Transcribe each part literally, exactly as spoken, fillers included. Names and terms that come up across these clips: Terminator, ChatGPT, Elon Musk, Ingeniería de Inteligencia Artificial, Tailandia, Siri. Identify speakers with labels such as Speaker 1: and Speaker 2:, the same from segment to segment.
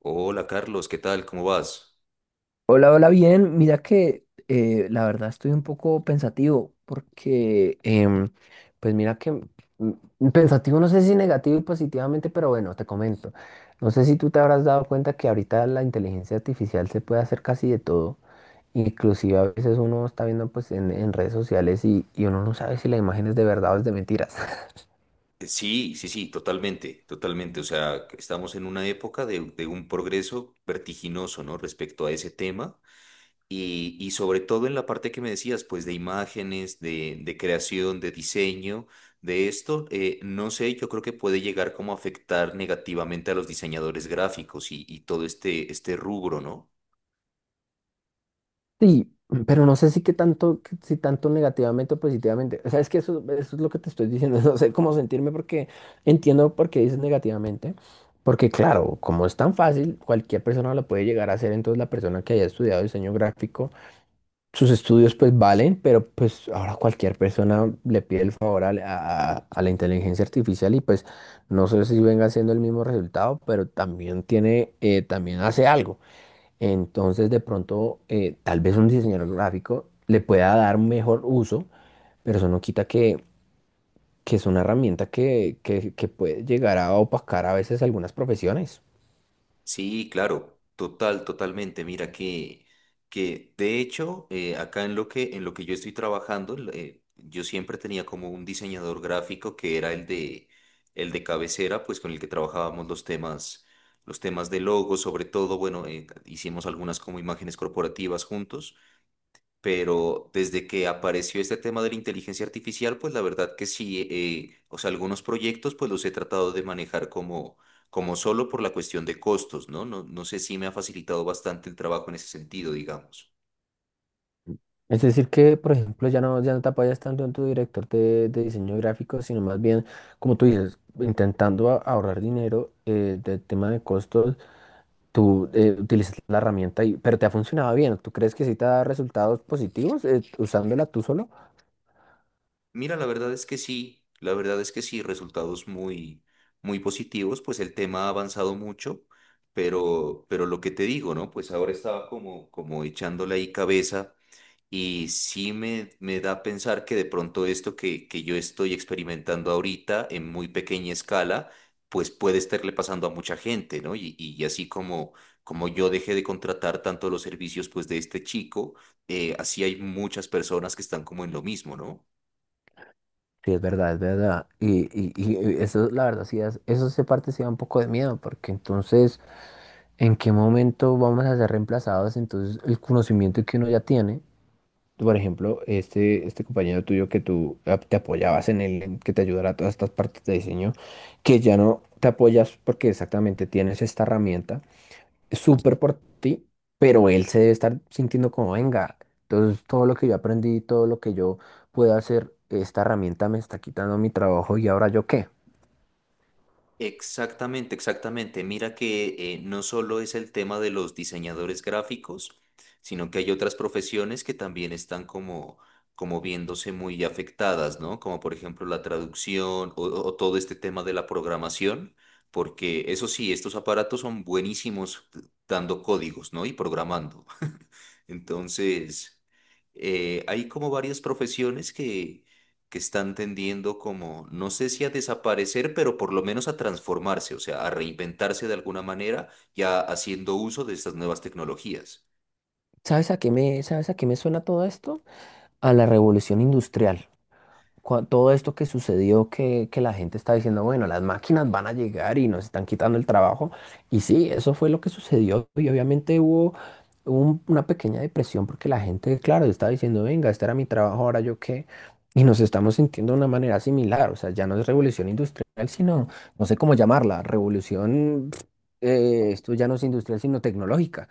Speaker 1: Hola Carlos, ¿qué tal? ¿Cómo vas?
Speaker 2: Hola, hola, bien. Mira que eh, la verdad estoy un poco pensativo porque, em, pues mira que mm, mm, pensativo no sé si negativo y positivamente, pero bueno, te comento. No sé si tú te habrás dado cuenta que ahorita la inteligencia artificial se puede hacer casi de todo. Inclusive a veces uno está viendo pues en, en redes sociales y, y uno no sabe si la imagen es de verdad o es de mentiras.
Speaker 1: Eh, Sí, sí, sí, totalmente, totalmente. O sea, estamos en una época de, de un progreso vertiginoso, ¿no? Respecto a ese tema y, y sobre todo en la parte que me decías, pues de imágenes, de, de creación, de diseño, de esto, eh, no sé, yo creo que puede llegar como a afectar negativamente a los diseñadores gráficos y, y todo este, este rubro, ¿no?
Speaker 2: Sí, pero no sé si que tanto, que si tanto negativamente o positivamente. O sea, es que eso, eso es lo que te estoy diciendo. No sé cómo sentirme porque entiendo por qué dices negativamente. Porque claro, como es tan fácil, cualquier persona lo puede llegar a hacer. Entonces la persona que haya estudiado diseño gráfico, sus estudios pues valen, pero pues ahora cualquier persona le pide el favor al- a, la a- a la inteligencia artificial y pues no sé si venga siendo el mismo resultado, pero también tiene, eh, también hace algo. Entonces, de pronto, eh, tal vez un diseñador gráfico le pueda dar mejor uso, pero eso no quita que, que es una herramienta que, que, que puede llegar a opacar a veces algunas profesiones.
Speaker 1: Sí, claro, total, totalmente. Mira que, que de hecho, eh, acá en lo que, en lo que yo estoy trabajando, eh, yo siempre tenía como un diseñador gráfico que era el de, el de cabecera, pues con el que trabajábamos los temas, los temas de logo, sobre todo, bueno, eh, hicimos algunas como imágenes corporativas juntos. Pero desde que apareció este tema de la inteligencia artificial, pues la verdad que sí, eh, o sea, algunos proyectos pues los he tratado de manejar como, como solo por la cuestión de costos, ¿no? No, no sé si me ha facilitado bastante el trabajo en ese sentido, digamos.
Speaker 2: Es decir, que, por ejemplo, ya no, ya no te apoyas tanto en tu director de, de diseño gráfico, sino más bien, como tú dices, intentando a- ahorrar dinero eh, del tema de costos, tú eh, utilizas la herramienta, y, pero te ha funcionado bien. ¿Tú crees que sí te da resultados positivos eh, usándola tú solo?
Speaker 1: Mira, la verdad es que sí, la verdad es que sí, resultados muy, muy positivos, pues el tema ha avanzado mucho, pero, pero lo que te digo, ¿no? Pues ahora estaba como, como echándole ahí cabeza. Y sí me, me da a pensar que de pronto esto que, que yo estoy experimentando ahorita en muy pequeña escala, pues puede estarle pasando a mucha gente, ¿no? Y, y así como, como yo dejé de contratar tanto los servicios pues de este chico, eh, así hay muchas personas que están como en lo mismo, ¿no?
Speaker 2: Sí, es verdad, es verdad. Y, y, y eso, la verdad, sí, es- eso se parte sí da un poco de miedo, porque entonces, ¿en qué momento vamos a ser reemplazados? Entonces, el conocimiento que uno ya tiene, por ejemplo, este, este compañero tuyo que tú ah, te apoyabas en él, en que te ayudara a todas estas partes de diseño, que ya no te apoyas porque exactamente tienes esta herramienta súper por ti, pero él se debe estar sintiendo como, venga, entonces todo lo que yo aprendí, todo lo que yo pude hacer, esta herramienta me está quitando mi trabajo y ahora yo qué.
Speaker 1: Exactamente, exactamente. Mira que eh, no solo es el tema de los diseñadores gráficos, sino que hay otras profesiones que también están como, como viéndose muy afectadas, ¿no? Como por ejemplo la traducción o, o todo este tema de la programación, porque eso sí, estos aparatos son buenísimos dando códigos, ¿no? Y programando. Entonces, eh, hay como varias profesiones que, que están tendiendo como, no sé si a desaparecer, pero por lo menos a transformarse, o sea, a reinventarse de alguna manera, ya haciendo uso de estas nuevas tecnologías.
Speaker 2: ¿Sabes a qué me, sabes a qué me suena todo esto? A la revolución industrial. Cua- todo esto que sucedió, que, que la gente está diciendo, bueno, las máquinas van a llegar y nos están quitando el trabajo. Y sí, eso fue lo que sucedió. Y obviamente hubo un- una pequeña depresión porque la gente, claro, estaba diciendo, venga, este era mi trabajo, ahora yo qué. Y nos estamos sintiendo de una manera similar. O sea, ya no es revolución industrial, sino, no sé cómo llamarla, revolución, pf, eh, esto ya no es industrial, sino tecnológica.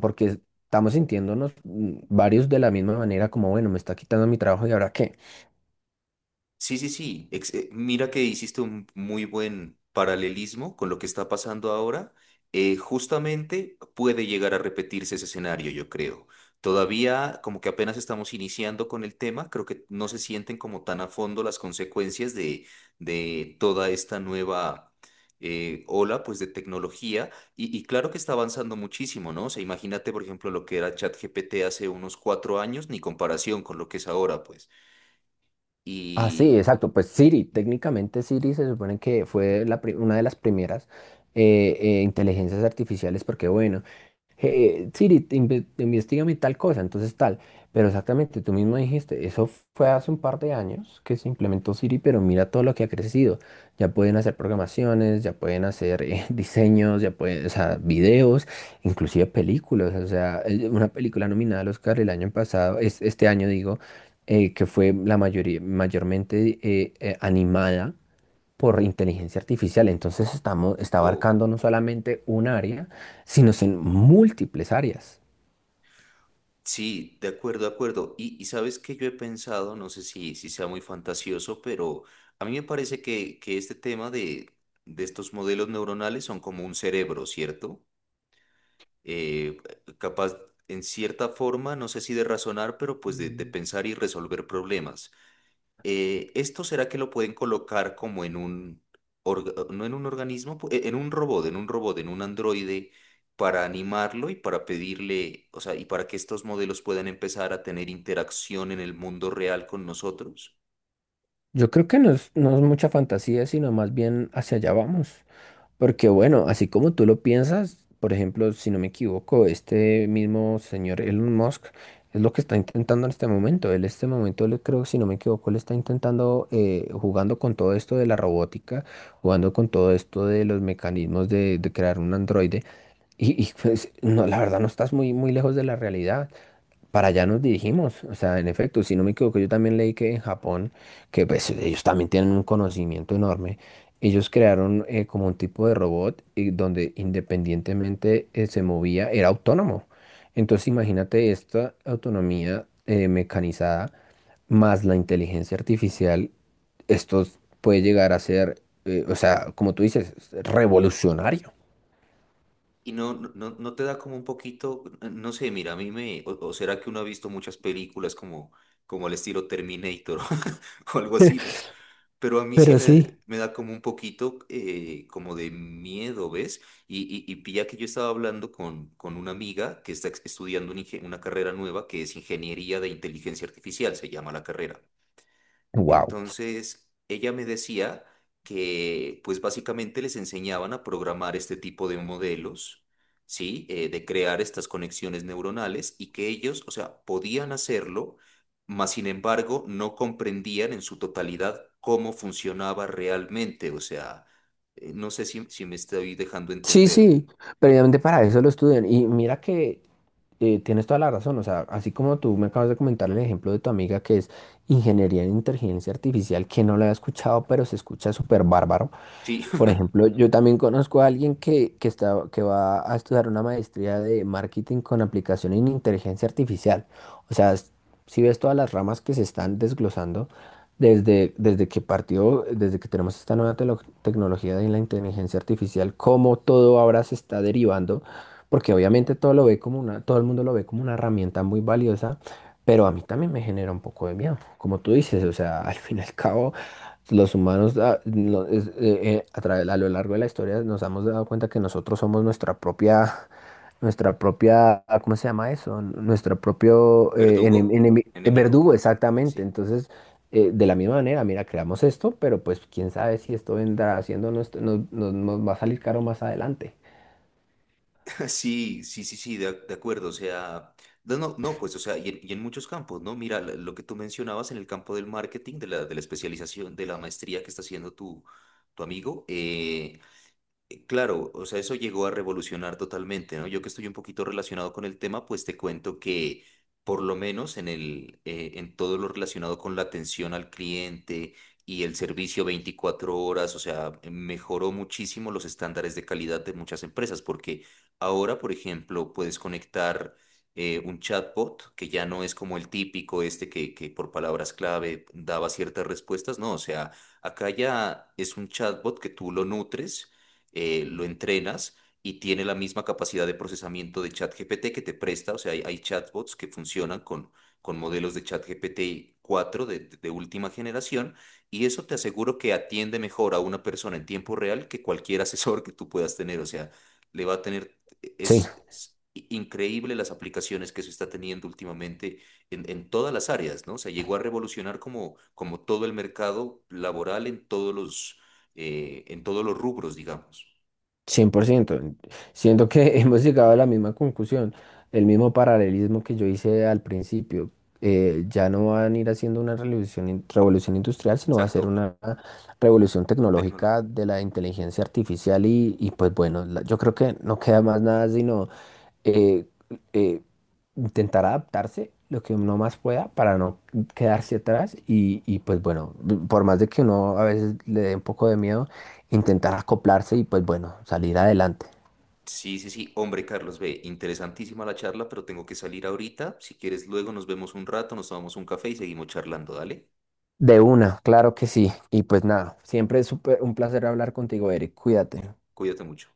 Speaker 2: Porque estamos sintiéndonos mm, varios de la misma manera, como, bueno, me está quitando mi trabajo y ahora qué.
Speaker 1: Sí, sí, sí. Ex- eh, mira que hiciste un muy buen paralelismo con lo que está pasando ahora. Eh, justamente puede llegar a repetirse ese escenario, yo creo. Todavía como que apenas estamos iniciando con el tema, creo que no se sienten como tan a fondo las consecuencias de, de toda esta nueva eh, ola pues de tecnología y, y claro que está avanzando muchísimo, ¿no? O sea, imagínate por ejemplo lo que era ChatGPT hace unos cuatro años, ni comparación con lo que es ahora pues.
Speaker 2: Ah, sí,
Speaker 1: Y...
Speaker 2: exacto. Pues Siri, técnicamente Siri se supone que fue la pri- una de las primeras eh, eh, inteligencias artificiales, porque bueno eh, Siri, te inve- investígame tal cosa, entonces tal. Pero exactamente, tú mismo dijiste, eso fue hace un par de años que se implementó Siri, pero mira todo lo que ha crecido. Ya pueden hacer programaciones, ya pueden hacer eh, diseños, ya pueden, o sea, videos, inclusive películas. O sea, eh, una película nominada al Oscar el año pasado, es, este año digo, eh, que fue la mayoría, mayormente eh, eh, animada por inteligencia artificial. Entonces estamos, está
Speaker 1: Wow.
Speaker 2: abarcando no solamente un área, sino en múltiples áreas.
Speaker 1: Sí, de acuerdo, de acuerdo. Y, y sabes que yo he pensado, no sé si, si sea muy fantasioso, pero a mí me parece que, que este tema de, de estos modelos neuronales son como un cerebro, ¿cierto? Eh, Capaz, en cierta forma, no sé si de razonar, pero pues de, de
Speaker 2: Mm.
Speaker 1: pensar y resolver problemas. Eh, ¿esto será que lo pueden colocar como en un, orga- no en un organismo, pu- e- en un robot, en un robot, en un androide, para animarlo y para pedirle, o sea, y para que estos modelos puedan empezar a tener interacción en el mundo real con nosotros?
Speaker 2: Yo creo que no es, no es mucha fantasía, sino más bien hacia allá vamos. Porque bueno, así como tú lo piensas, por ejemplo, si no me equivoco, este mismo señor Elon Musk es lo que está intentando en este momento. Él en este momento, él creo, si no me equivoco, él está intentando eh, jugando con todo esto de la robótica, jugando con todo esto de los mecanismos de, de crear un androide. Y, y, pues, no, la verdad no estás muy, muy lejos de la realidad. Para allá nos dirigimos. O sea, en efecto, si no me equivoco, yo también leí que en Japón, que pues ellos también tienen un conocimiento enorme, ellos crearon eh, como un tipo de robot y donde independientemente eh, se movía, era autónomo. Entonces imagínate esta autonomía eh, mecanizada más la inteligencia artificial, esto puede llegar a ser, eh, o sea, como tú dices, revolucionario.
Speaker 1: Y no, no, no no te da como un poquito, no sé, mira, a mí me, o, o será que uno ha visto muchas películas como, como el estilo Terminator o algo así, ¿no? Pero a mí sí
Speaker 2: Pero
Speaker 1: me,
Speaker 2: sí,
Speaker 1: me da como un poquito eh, como de miedo, ¿ves? Y, y, y pilla que yo estaba hablando con, con una amiga que está ex- estudiando un inge- una carrera nueva que es Ingeniería de Inteligencia Artificial, se llama la carrera.
Speaker 2: wow.
Speaker 1: Entonces, ella me decía que pues básicamente les enseñaban a programar este tipo de modelos, ¿sí? Eh, de crear estas conexiones neuronales y que ellos, o sea, podían hacerlo, mas sin embargo no comprendían en su totalidad cómo funcionaba realmente. O sea, eh, no sé si, si me estoy dejando
Speaker 2: Sí,
Speaker 1: entender.
Speaker 2: sí, precisamente para eso lo estudian. Y mira que eh, tienes toda la razón. O sea, así como tú me acabas de comentar el ejemplo de tu amiga que es ingeniería en inteligencia artificial, que no la había escuchado, pero se escucha súper bárbaro.
Speaker 1: Sí,
Speaker 2: Por ejemplo, yo también conozco a alguien que, que, está, que va a estudiar una maestría de marketing con aplicación en inteligencia artificial. O sea, es- si ves todas las ramas que se están desglosando desde, desde que partió, desde que tenemos esta nueva telo- tecnología de la inteligencia artificial, cómo todo ahora se está derivando, porque obviamente todo lo ve como una, todo el mundo lo ve como una herramienta muy valiosa, pero a mí también me genera un poco de miedo, como tú dices, o sea, al fin y al cabo. Los humanos, ah, no, es- eh, eh, a través- a lo largo de la historia nos hemos dado cuenta que nosotros somos nuestra propia, nuestra propia, ah, ¿cómo se llama eso? Nuestro propio eh, enem-
Speaker 1: verdugo,
Speaker 2: enemi- eh,
Speaker 1: enemigo.
Speaker 2: verdugo, exactamente.
Speaker 1: Sí.
Speaker 2: Entonces, eh, de la misma manera, mira, creamos esto, pero pues quién sabe si esto vendrá haciendo, nos, nos, nos va a salir caro más adelante.
Speaker 1: Sí, sí, sí, sí, de, de acuerdo, o sea, no, no, no, pues, o sea, y en, y en muchos campos, ¿no? Mira, la- lo que tú mencionabas en el campo del marketing, de la, de la especialización, de la maestría que está haciendo tu, tu amigo, eh, eh, claro, o sea, eso llegó a revolucionar totalmente, ¿no? Yo que estoy un poquito relacionado con el tema, pues te cuento que por lo menos en el, eh, en todo lo relacionado con la atención al cliente y el servicio veinticuatro horas, o sea, mejoró muchísimo los estándares de calidad de muchas empresas, porque ahora, por ejemplo, puedes conectar eh, un chatbot que ya no es como el típico este que, que por palabras clave daba ciertas respuestas, no, o sea, acá ya es un chatbot que tú lo nutres, eh, lo entrenas y tiene la misma capacidad de procesamiento de ChatGPT que te presta. O sea, hay, hay chatbots que funcionan con, con modelos de ChatGPT cuatro de, de de última generación y eso te aseguro que atiende mejor a una persona en tiempo real que cualquier asesor que tú puedas tener. O sea, le va a tener, e,
Speaker 2: Sí,
Speaker 1: es, es increíble las aplicaciones que se está teniendo últimamente en, en todas las áreas, ¿no? O sea, llegó a revolucionar como, como todo el mercado laboral en todos los, eh, en todos los rubros, digamos.
Speaker 2: cien por ciento. Siento que hemos llegado a la misma conclusión, el mismo paralelismo que yo hice al principio. Eh, ya no van a ir haciendo una revolución, in- revolución industrial, sino va a ser
Speaker 1: Exacto,
Speaker 2: una revolución
Speaker 1: tecnólogo.
Speaker 2: tecnológica de la inteligencia artificial y, y pues bueno, la- yo creo que no queda más nada sino eh, eh, intentar adaptarse lo que uno más pueda para no quedarse atrás y, y, pues bueno, por más de que uno a veces le dé un poco de miedo, intentar acoplarse y pues bueno, salir adelante.
Speaker 1: Sí, sí, sí. Hombre, Carlos, ve, interesantísima la charla, pero tengo que salir ahorita. Si quieres, luego nos vemos un rato, nos tomamos un café y seguimos charlando, dale.
Speaker 2: De una, claro que sí. Y pues nada, siempre es súper un placer hablar contigo, Eric. Cuídate.
Speaker 1: Cuídate mucho.